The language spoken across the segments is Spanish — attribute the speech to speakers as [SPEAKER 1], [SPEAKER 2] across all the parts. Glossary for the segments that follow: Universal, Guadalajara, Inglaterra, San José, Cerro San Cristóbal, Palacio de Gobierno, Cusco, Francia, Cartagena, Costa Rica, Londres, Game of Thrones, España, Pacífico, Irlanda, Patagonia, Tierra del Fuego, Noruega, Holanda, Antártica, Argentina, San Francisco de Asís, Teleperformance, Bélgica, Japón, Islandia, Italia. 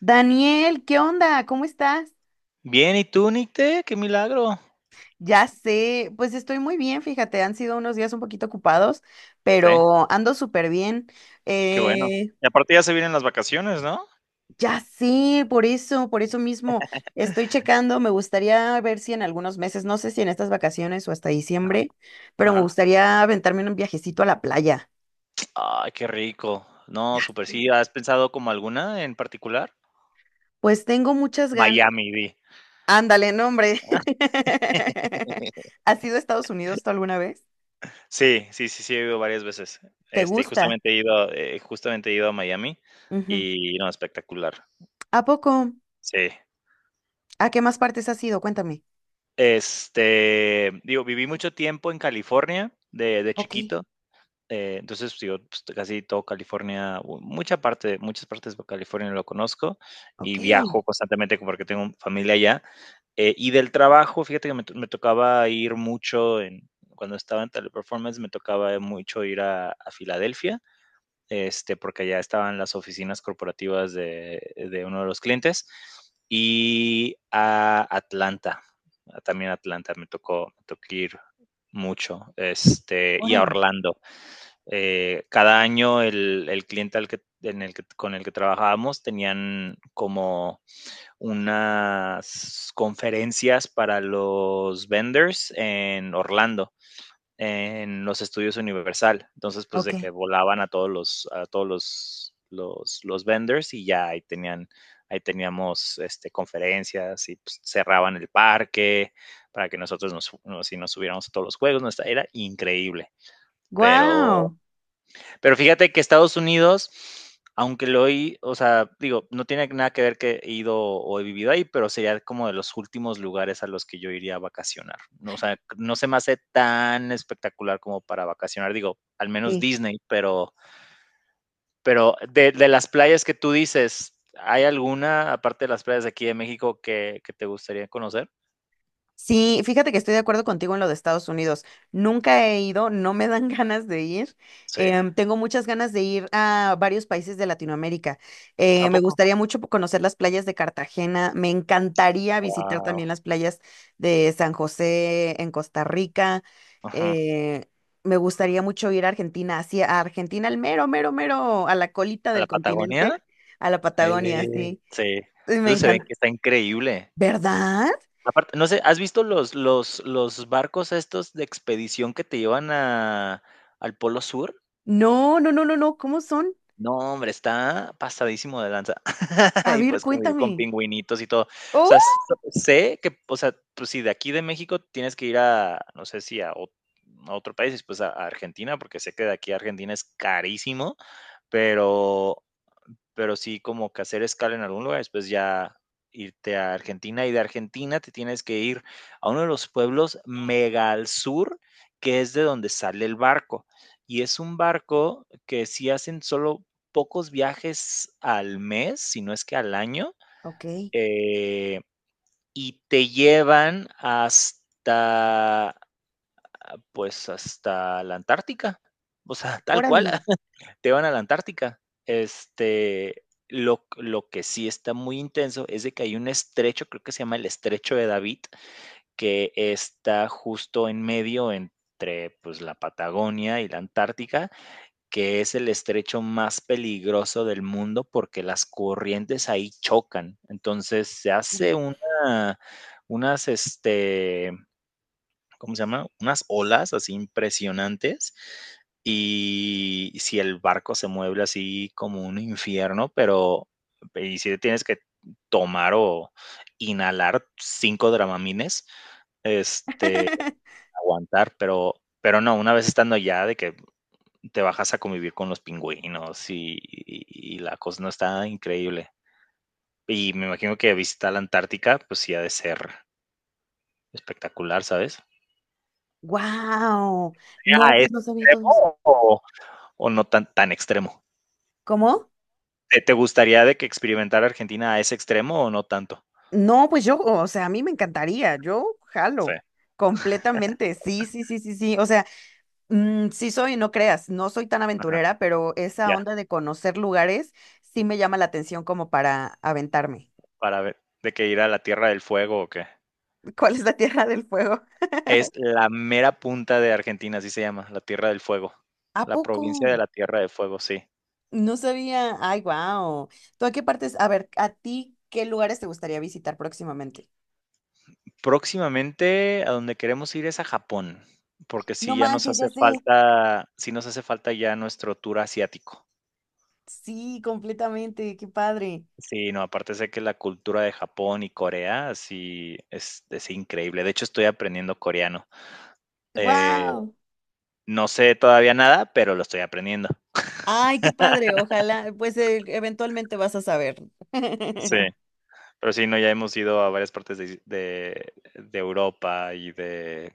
[SPEAKER 1] Daniel, ¿qué onda? ¿Cómo estás?
[SPEAKER 2] Bien, ¿y tú, Nicte? Qué milagro.
[SPEAKER 1] Ya sé, pues estoy muy bien, fíjate, han sido unos días un poquito ocupados,
[SPEAKER 2] Sí,
[SPEAKER 1] pero ando súper bien.
[SPEAKER 2] qué bueno.
[SPEAKER 1] Eh,
[SPEAKER 2] Y aparte ya se vienen las vacaciones, ¿no?
[SPEAKER 1] ya sé, por eso mismo estoy checando, me gustaría ver si en algunos meses, no sé si en estas vacaciones o hasta
[SPEAKER 2] Ajá,
[SPEAKER 1] diciembre, pero me
[SPEAKER 2] ajá.
[SPEAKER 1] gustaría aventarme un viajecito a la playa.
[SPEAKER 2] Ay, qué rico. No,
[SPEAKER 1] Ya
[SPEAKER 2] súper
[SPEAKER 1] sé.
[SPEAKER 2] sí. ¿Has pensado como alguna en particular?
[SPEAKER 1] Pues tengo muchas ganas.
[SPEAKER 2] Miami, vi.
[SPEAKER 1] Ándale, no, hombre. ¿Has ido a Estados Unidos tú alguna vez?
[SPEAKER 2] Sí, sí, sí, sí, he ido varias veces.
[SPEAKER 1] ¿Te
[SPEAKER 2] Y
[SPEAKER 1] gusta?
[SPEAKER 2] justamente he justamente he ido a Miami
[SPEAKER 1] Ujú.
[SPEAKER 2] y no, espectacular.
[SPEAKER 1] ¿A poco?
[SPEAKER 2] Sí.
[SPEAKER 1] ¿A qué más partes has ido? Cuéntame.
[SPEAKER 2] Digo, viví mucho tiempo en California de
[SPEAKER 1] Ok,
[SPEAKER 2] chiquito. Entonces, pues, digo, pues, casi todo California, mucha parte, muchas partes de California lo conozco
[SPEAKER 1] ok,
[SPEAKER 2] y viajo constantemente porque tengo familia allá. Y del trabajo, fíjate que me tocaba ir cuando estaba en Teleperformance, me tocaba mucho ir a Filadelfia, porque allá estaban las oficinas corporativas de uno de los clientes, y a Atlanta, también Atlanta, me tocó ir mucho, y a
[SPEAKER 1] órale.
[SPEAKER 2] Orlando. Cada año el cliente al que, en el que, con el que trabajábamos tenían como unas conferencias para los vendors en Orlando, en los estudios Universal. Entonces, pues
[SPEAKER 1] Ok.
[SPEAKER 2] de que volaban a todos los vendors y ya ahí ahí teníamos conferencias y pues, cerraban el parque para que nosotros nos, nos, si nos subiéramos a todos los juegos. Nuestra, era increíble, pero
[SPEAKER 1] Wow.
[SPEAKER 2] fíjate que Estados Unidos, aunque lo he, o sea, digo, no tiene nada que ver que he ido o he vivido ahí, pero sería como de los últimos lugares a los que yo iría a vacacionar. No, o sea, no se me hace tan espectacular como para vacacionar, digo, al menos Disney, pero, de las playas que tú dices, ¿hay alguna, aparte de las playas de aquí de México, que te gustaría conocer?
[SPEAKER 1] Sí, fíjate que estoy de acuerdo contigo en lo de Estados Unidos. Nunca he ido, no me dan ganas de ir.
[SPEAKER 2] Sí.
[SPEAKER 1] Tengo muchas ganas de ir a varios países de Latinoamérica.
[SPEAKER 2] ¿A
[SPEAKER 1] Me
[SPEAKER 2] poco?
[SPEAKER 1] gustaría mucho conocer las playas de Cartagena. Me encantaría visitar también
[SPEAKER 2] Wow.
[SPEAKER 1] las playas de San José en Costa Rica. Eh, me gustaría mucho ir a Argentina, hacia a Argentina, al mero, mero, mero, a la colita
[SPEAKER 2] ¿A la
[SPEAKER 1] del
[SPEAKER 2] Patagonia?
[SPEAKER 1] continente, a la Patagonia, sí.
[SPEAKER 2] Sí.
[SPEAKER 1] Me
[SPEAKER 2] Eso se ve
[SPEAKER 1] encanta.
[SPEAKER 2] que está increíble.
[SPEAKER 1] ¿Verdad?
[SPEAKER 2] Aparte, no sé, ¿has visto los barcos estos de expedición que te llevan a al Polo Sur?
[SPEAKER 1] No, no, no, no, no. ¿Cómo son?
[SPEAKER 2] No, hombre, está pasadísimo de lanza.
[SPEAKER 1] A
[SPEAKER 2] Y,
[SPEAKER 1] ver,
[SPEAKER 2] pues, como con
[SPEAKER 1] cuéntame.
[SPEAKER 2] pingüinitos y todo. O
[SPEAKER 1] ¡Oh!
[SPEAKER 2] sea, s sé que, o sea, pues, si de aquí de México tienes que ir no sé si a otro país, después a Argentina, porque sé que de aquí a Argentina es carísimo, pero sí como que hacer escala en algún lugar, después ya irte a Argentina y de Argentina te tienes que ir a uno de los pueblos mega al sur, que es de donde sale el barco. Y es un barco que sí hacen solo pocos viajes al mes, si no es que al año,
[SPEAKER 1] Ok,
[SPEAKER 2] eh, y te llevan hasta, pues, hasta la Antártica. O sea, tal cual
[SPEAKER 1] órale,
[SPEAKER 2] te van a la Antártica. Lo que sí está muy intenso es de que hay un estrecho, creo que se llama el estrecho de David, que está justo en medio entre pues, la Patagonia y la Antártica, que es el estrecho más peligroso del mundo porque las corrientes ahí chocan. Entonces se hace
[SPEAKER 1] órale.
[SPEAKER 2] unas, este, ¿cómo se llama? Unas olas así impresionantes. Y si el barco se mueve así como un infierno, y si tienes que tomar o inhalar 5 Dramamines, este, aguantar, pero no, una vez estando allá de que te bajas a convivir con los pingüinos y la cosa no, está increíble. Y me imagino que visitar la Antártica, pues sí ha de ser espectacular, ¿sabes?
[SPEAKER 1] Wow.
[SPEAKER 2] ¿Sería
[SPEAKER 1] No, pues no sabía todos.
[SPEAKER 2] extremo o no tan, tan extremo?
[SPEAKER 1] ¿Cómo?
[SPEAKER 2] Te gustaría de que experimentara Argentina a ese extremo o no tanto?
[SPEAKER 1] No, pues yo, o sea, a mí me encantaría, yo
[SPEAKER 2] Sí.
[SPEAKER 1] jalo completamente. Sí, sí, sí, sí, sí. O sea, mm, sí soy, no creas, no soy tan
[SPEAKER 2] Ajá.
[SPEAKER 1] aventurera, pero esa
[SPEAKER 2] Ya,
[SPEAKER 1] onda de conocer lugares sí me llama la atención como para aventarme.
[SPEAKER 2] para ver, de que ir a la Tierra del Fuego o qué.
[SPEAKER 1] ¿Cuál es la Tierra del Fuego?
[SPEAKER 2] Es la mera punta de Argentina, así se llama, la Tierra del Fuego.
[SPEAKER 1] ¿A
[SPEAKER 2] La
[SPEAKER 1] poco?
[SPEAKER 2] provincia de la Tierra del Fuego, sí.
[SPEAKER 1] No sabía. Ay, wow. ¿Tú a qué partes? A ver, ¿a ti qué lugares te gustaría visitar próximamente?
[SPEAKER 2] Próximamente a donde queremos ir es a Japón, porque
[SPEAKER 1] No
[SPEAKER 2] sí ya nos
[SPEAKER 1] manches,
[SPEAKER 2] hace
[SPEAKER 1] ya sé.
[SPEAKER 2] falta, sí nos hace falta ya nuestro tour asiático.
[SPEAKER 1] Sí, completamente. Qué padre.
[SPEAKER 2] Sí, no, aparte sé que la cultura de Japón y Corea sí es increíble. De hecho, estoy aprendiendo coreano. Eh,
[SPEAKER 1] Wow.
[SPEAKER 2] no sé todavía nada, pero lo estoy aprendiendo.
[SPEAKER 1] Ay, qué padre. Ojalá, pues eventualmente vas a saber.
[SPEAKER 2] Sí,
[SPEAKER 1] ¿Qué
[SPEAKER 2] pero sí, no, ya hemos ido a varias partes de Europa y de,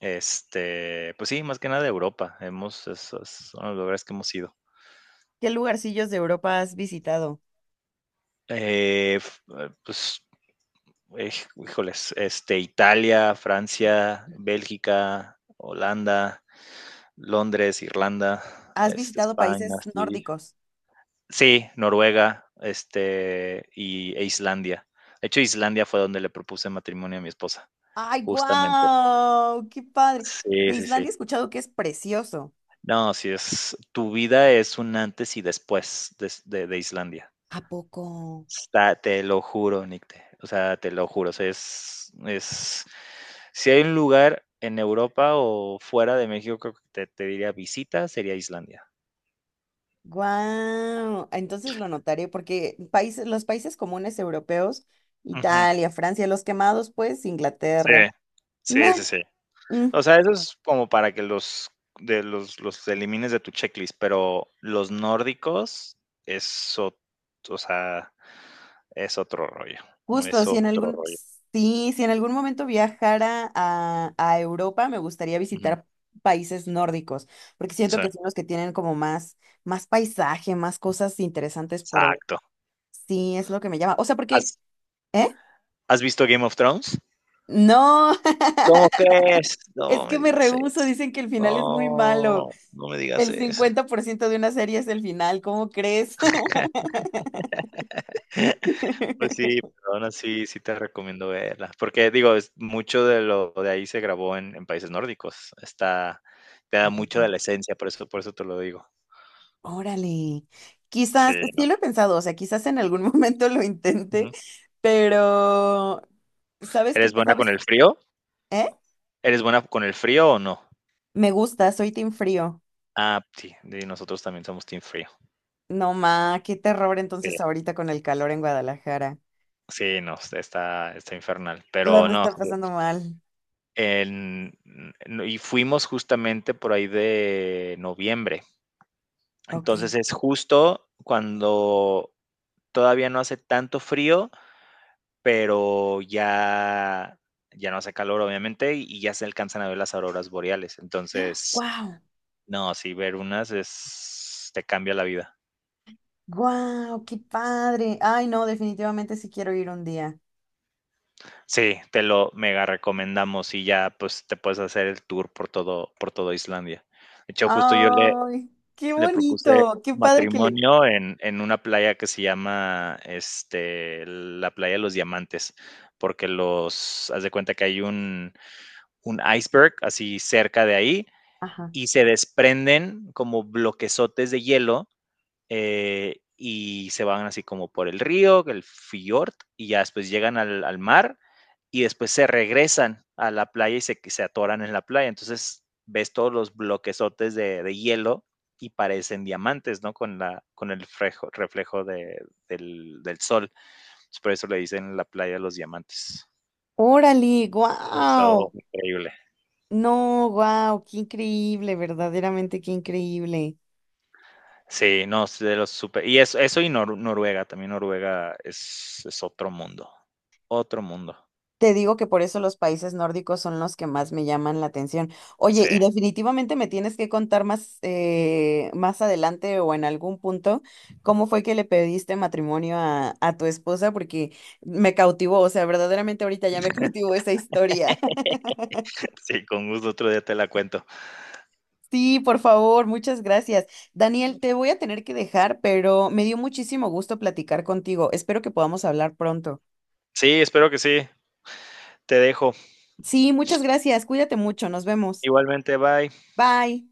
[SPEAKER 2] este, pues sí, más que nada de Europa. Hemos, esos son los lugares que hemos ido.
[SPEAKER 1] lugarcillos de Europa has visitado?
[SPEAKER 2] Eh, f- eh, pues, híjoles, Italia, Francia, Bélgica, Holanda, Londres, Irlanda,
[SPEAKER 1] ¿Has visitado países
[SPEAKER 2] España, sí,
[SPEAKER 1] nórdicos?
[SPEAKER 2] Sí, Noruega, e Islandia. De hecho, Islandia fue donde le propuse matrimonio a mi esposa,
[SPEAKER 1] Ay,
[SPEAKER 2] justamente.
[SPEAKER 1] wow. Qué padre.
[SPEAKER 2] Sí,
[SPEAKER 1] De
[SPEAKER 2] sí, sí.
[SPEAKER 1] Islandia he escuchado que es precioso.
[SPEAKER 2] No, sí es, tu vida es un antes y de Islandia.
[SPEAKER 1] ¿A poco?
[SPEAKER 2] Está, te lo juro, Nicte. O sea, te lo juro. O sea, es, si hay un lugar en Europa o fuera de México te diría visita, sería Islandia.
[SPEAKER 1] Guau, entonces lo notaré porque países, los países comunes europeos,
[SPEAKER 2] Ujú,
[SPEAKER 1] Italia, Francia, los quemados, pues
[SPEAKER 2] sí,
[SPEAKER 1] Inglaterra.
[SPEAKER 2] sí, sí,
[SPEAKER 1] Meh,
[SPEAKER 2] sí.
[SPEAKER 1] mm,
[SPEAKER 2] O sea, eso es como para que los elimines de tu checklist, pero los nórdicos es ot o sea, es otro rollo,
[SPEAKER 1] justo,
[SPEAKER 2] es
[SPEAKER 1] si en
[SPEAKER 2] otro
[SPEAKER 1] algún,
[SPEAKER 2] rollo.
[SPEAKER 1] sí, si en algún momento viajara a Europa, me gustaría
[SPEAKER 2] Ujú,
[SPEAKER 1] visitar países nórdicos, porque siento
[SPEAKER 2] sí,
[SPEAKER 1] que son los que tienen como más, más paisaje, más cosas interesantes por ver.
[SPEAKER 2] exacto.
[SPEAKER 1] Sí, es lo que me llama. O sea, porque,
[SPEAKER 2] ¿Has
[SPEAKER 1] ¿eh?
[SPEAKER 2] has visto Game of Thrones?
[SPEAKER 1] No,
[SPEAKER 2] ¿Cómo crees?
[SPEAKER 1] es
[SPEAKER 2] No me
[SPEAKER 1] que me
[SPEAKER 2] digas
[SPEAKER 1] rehúso,
[SPEAKER 2] eso.
[SPEAKER 1] dicen que el final es muy malo.
[SPEAKER 2] No, no me digas
[SPEAKER 1] El
[SPEAKER 2] eso.
[SPEAKER 1] 50% de una serie es el final, ¿cómo crees?
[SPEAKER 2] Pues sí, pero aún así sí te recomiendo verla, porque digo, es mucho de lo de ahí se grabó en países nórdicos. Está te
[SPEAKER 1] ¿A
[SPEAKER 2] da
[SPEAKER 1] poco?
[SPEAKER 2] mucho de la esencia, por eso te lo digo.
[SPEAKER 1] Órale. Quizás,
[SPEAKER 2] Sí, no.
[SPEAKER 1] sí lo he pensado, o sea, quizás en algún momento lo intente,
[SPEAKER 2] Ujú.
[SPEAKER 1] pero ¿sabes qué?
[SPEAKER 2] ¿Eres buena con
[SPEAKER 1] ¿Sabes?
[SPEAKER 2] el frío?
[SPEAKER 1] ¿Eh?
[SPEAKER 2] ¿Eres buena con el frío o no?
[SPEAKER 1] Me gusta, soy team frío.
[SPEAKER 2] Ah, sí, y nosotros también somos team frío.
[SPEAKER 1] No, ma, qué terror
[SPEAKER 2] Sí,
[SPEAKER 1] entonces ahorita con el calor en Guadalajara.
[SPEAKER 2] sí, no, está infernal,
[SPEAKER 1] La han
[SPEAKER 2] pero
[SPEAKER 1] de
[SPEAKER 2] no,
[SPEAKER 1] estar
[SPEAKER 2] sí,
[SPEAKER 1] pasando mal.
[SPEAKER 2] en no, y fuimos justamente por ahí de noviembre.
[SPEAKER 1] Ok.
[SPEAKER 2] Entonces, es justo cuando todavía no hace tanto frío, pero ya, ya no hace calor, obviamente, y ya se alcanzan a ver las auroras boreales. Entonces,
[SPEAKER 1] Wow,
[SPEAKER 2] no, sí, ver unas es, te cambia la vida.
[SPEAKER 1] wow, ¡qué padre! Ay, no, definitivamente sí quiero ir un día.
[SPEAKER 2] Sí, te lo mega recomendamos y ya pues te puedes hacer el tour por todo Islandia. De hecho,
[SPEAKER 1] ¡Ay! ¡Qué
[SPEAKER 2] le propuse
[SPEAKER 1] bonito! ¡Qué padre que le
[SPEAKER 2] matrimonio en una playa que se llama la playa de los diamantes, porque los, haz de cuenta que hay un iceberg así cerca de ahí
[SPEAKER 1] ajá!
[SPEAKER 2] y se desprenden como bloquezotes de hielo y se van así como por el río, el fiord y ya después llegan al mar y después se regresan a la playa y se atoran en la playa. Entonces ves todos los bloquezotes de hielo y parecen diamantes, ¿no? Con el reflejo del sol. Por eso le dicen la playa de los diamantes.
[SPEAKER 1] Órale,
[SPEAKER 2] Eso,
[SPEAKER 1] guau.
[SPEAKER 2] increíble.
[SPEAKER 1] No, guau, qué increíble, verdaderamente qué increíble.
[SPEAKER 2] Sí, no, es de los super. Y eso y Noruega, también Noruega es otro mundo. Otro mundo.
[SPEAKER 1] Te digo que por eso los países nórdicos son los que más me llaman la atención. Oye,
[SPEAKER 2] Sí,
[SPEAKER 1] y definitivamente me tienes que contar más, más adelante o en algún punto cómo fue que le pediste matrimonio a tu esposa, porque me cautivó, o sea, verdaderamente ahorita ya me cautivó esa historia.
[SPEAKER 2] sí, con gusto otro día te la cuento.
[SPEAKER 1] Sí, por favor, muchas gracias. Daniel, te voy a tener que dejar, pero me dio muchísimo gusto platicar contigo. Espero que podamos hablar pronto.
[SPEAKER 2] Sí, espero que sí. Te dejo.
[SPEAKER 1] Sí, muchas gracias. Cuídate mucho. Nos vemos.
[SPEAKER 2] Igualmente, bye.
[SPEAKER 1] Bye.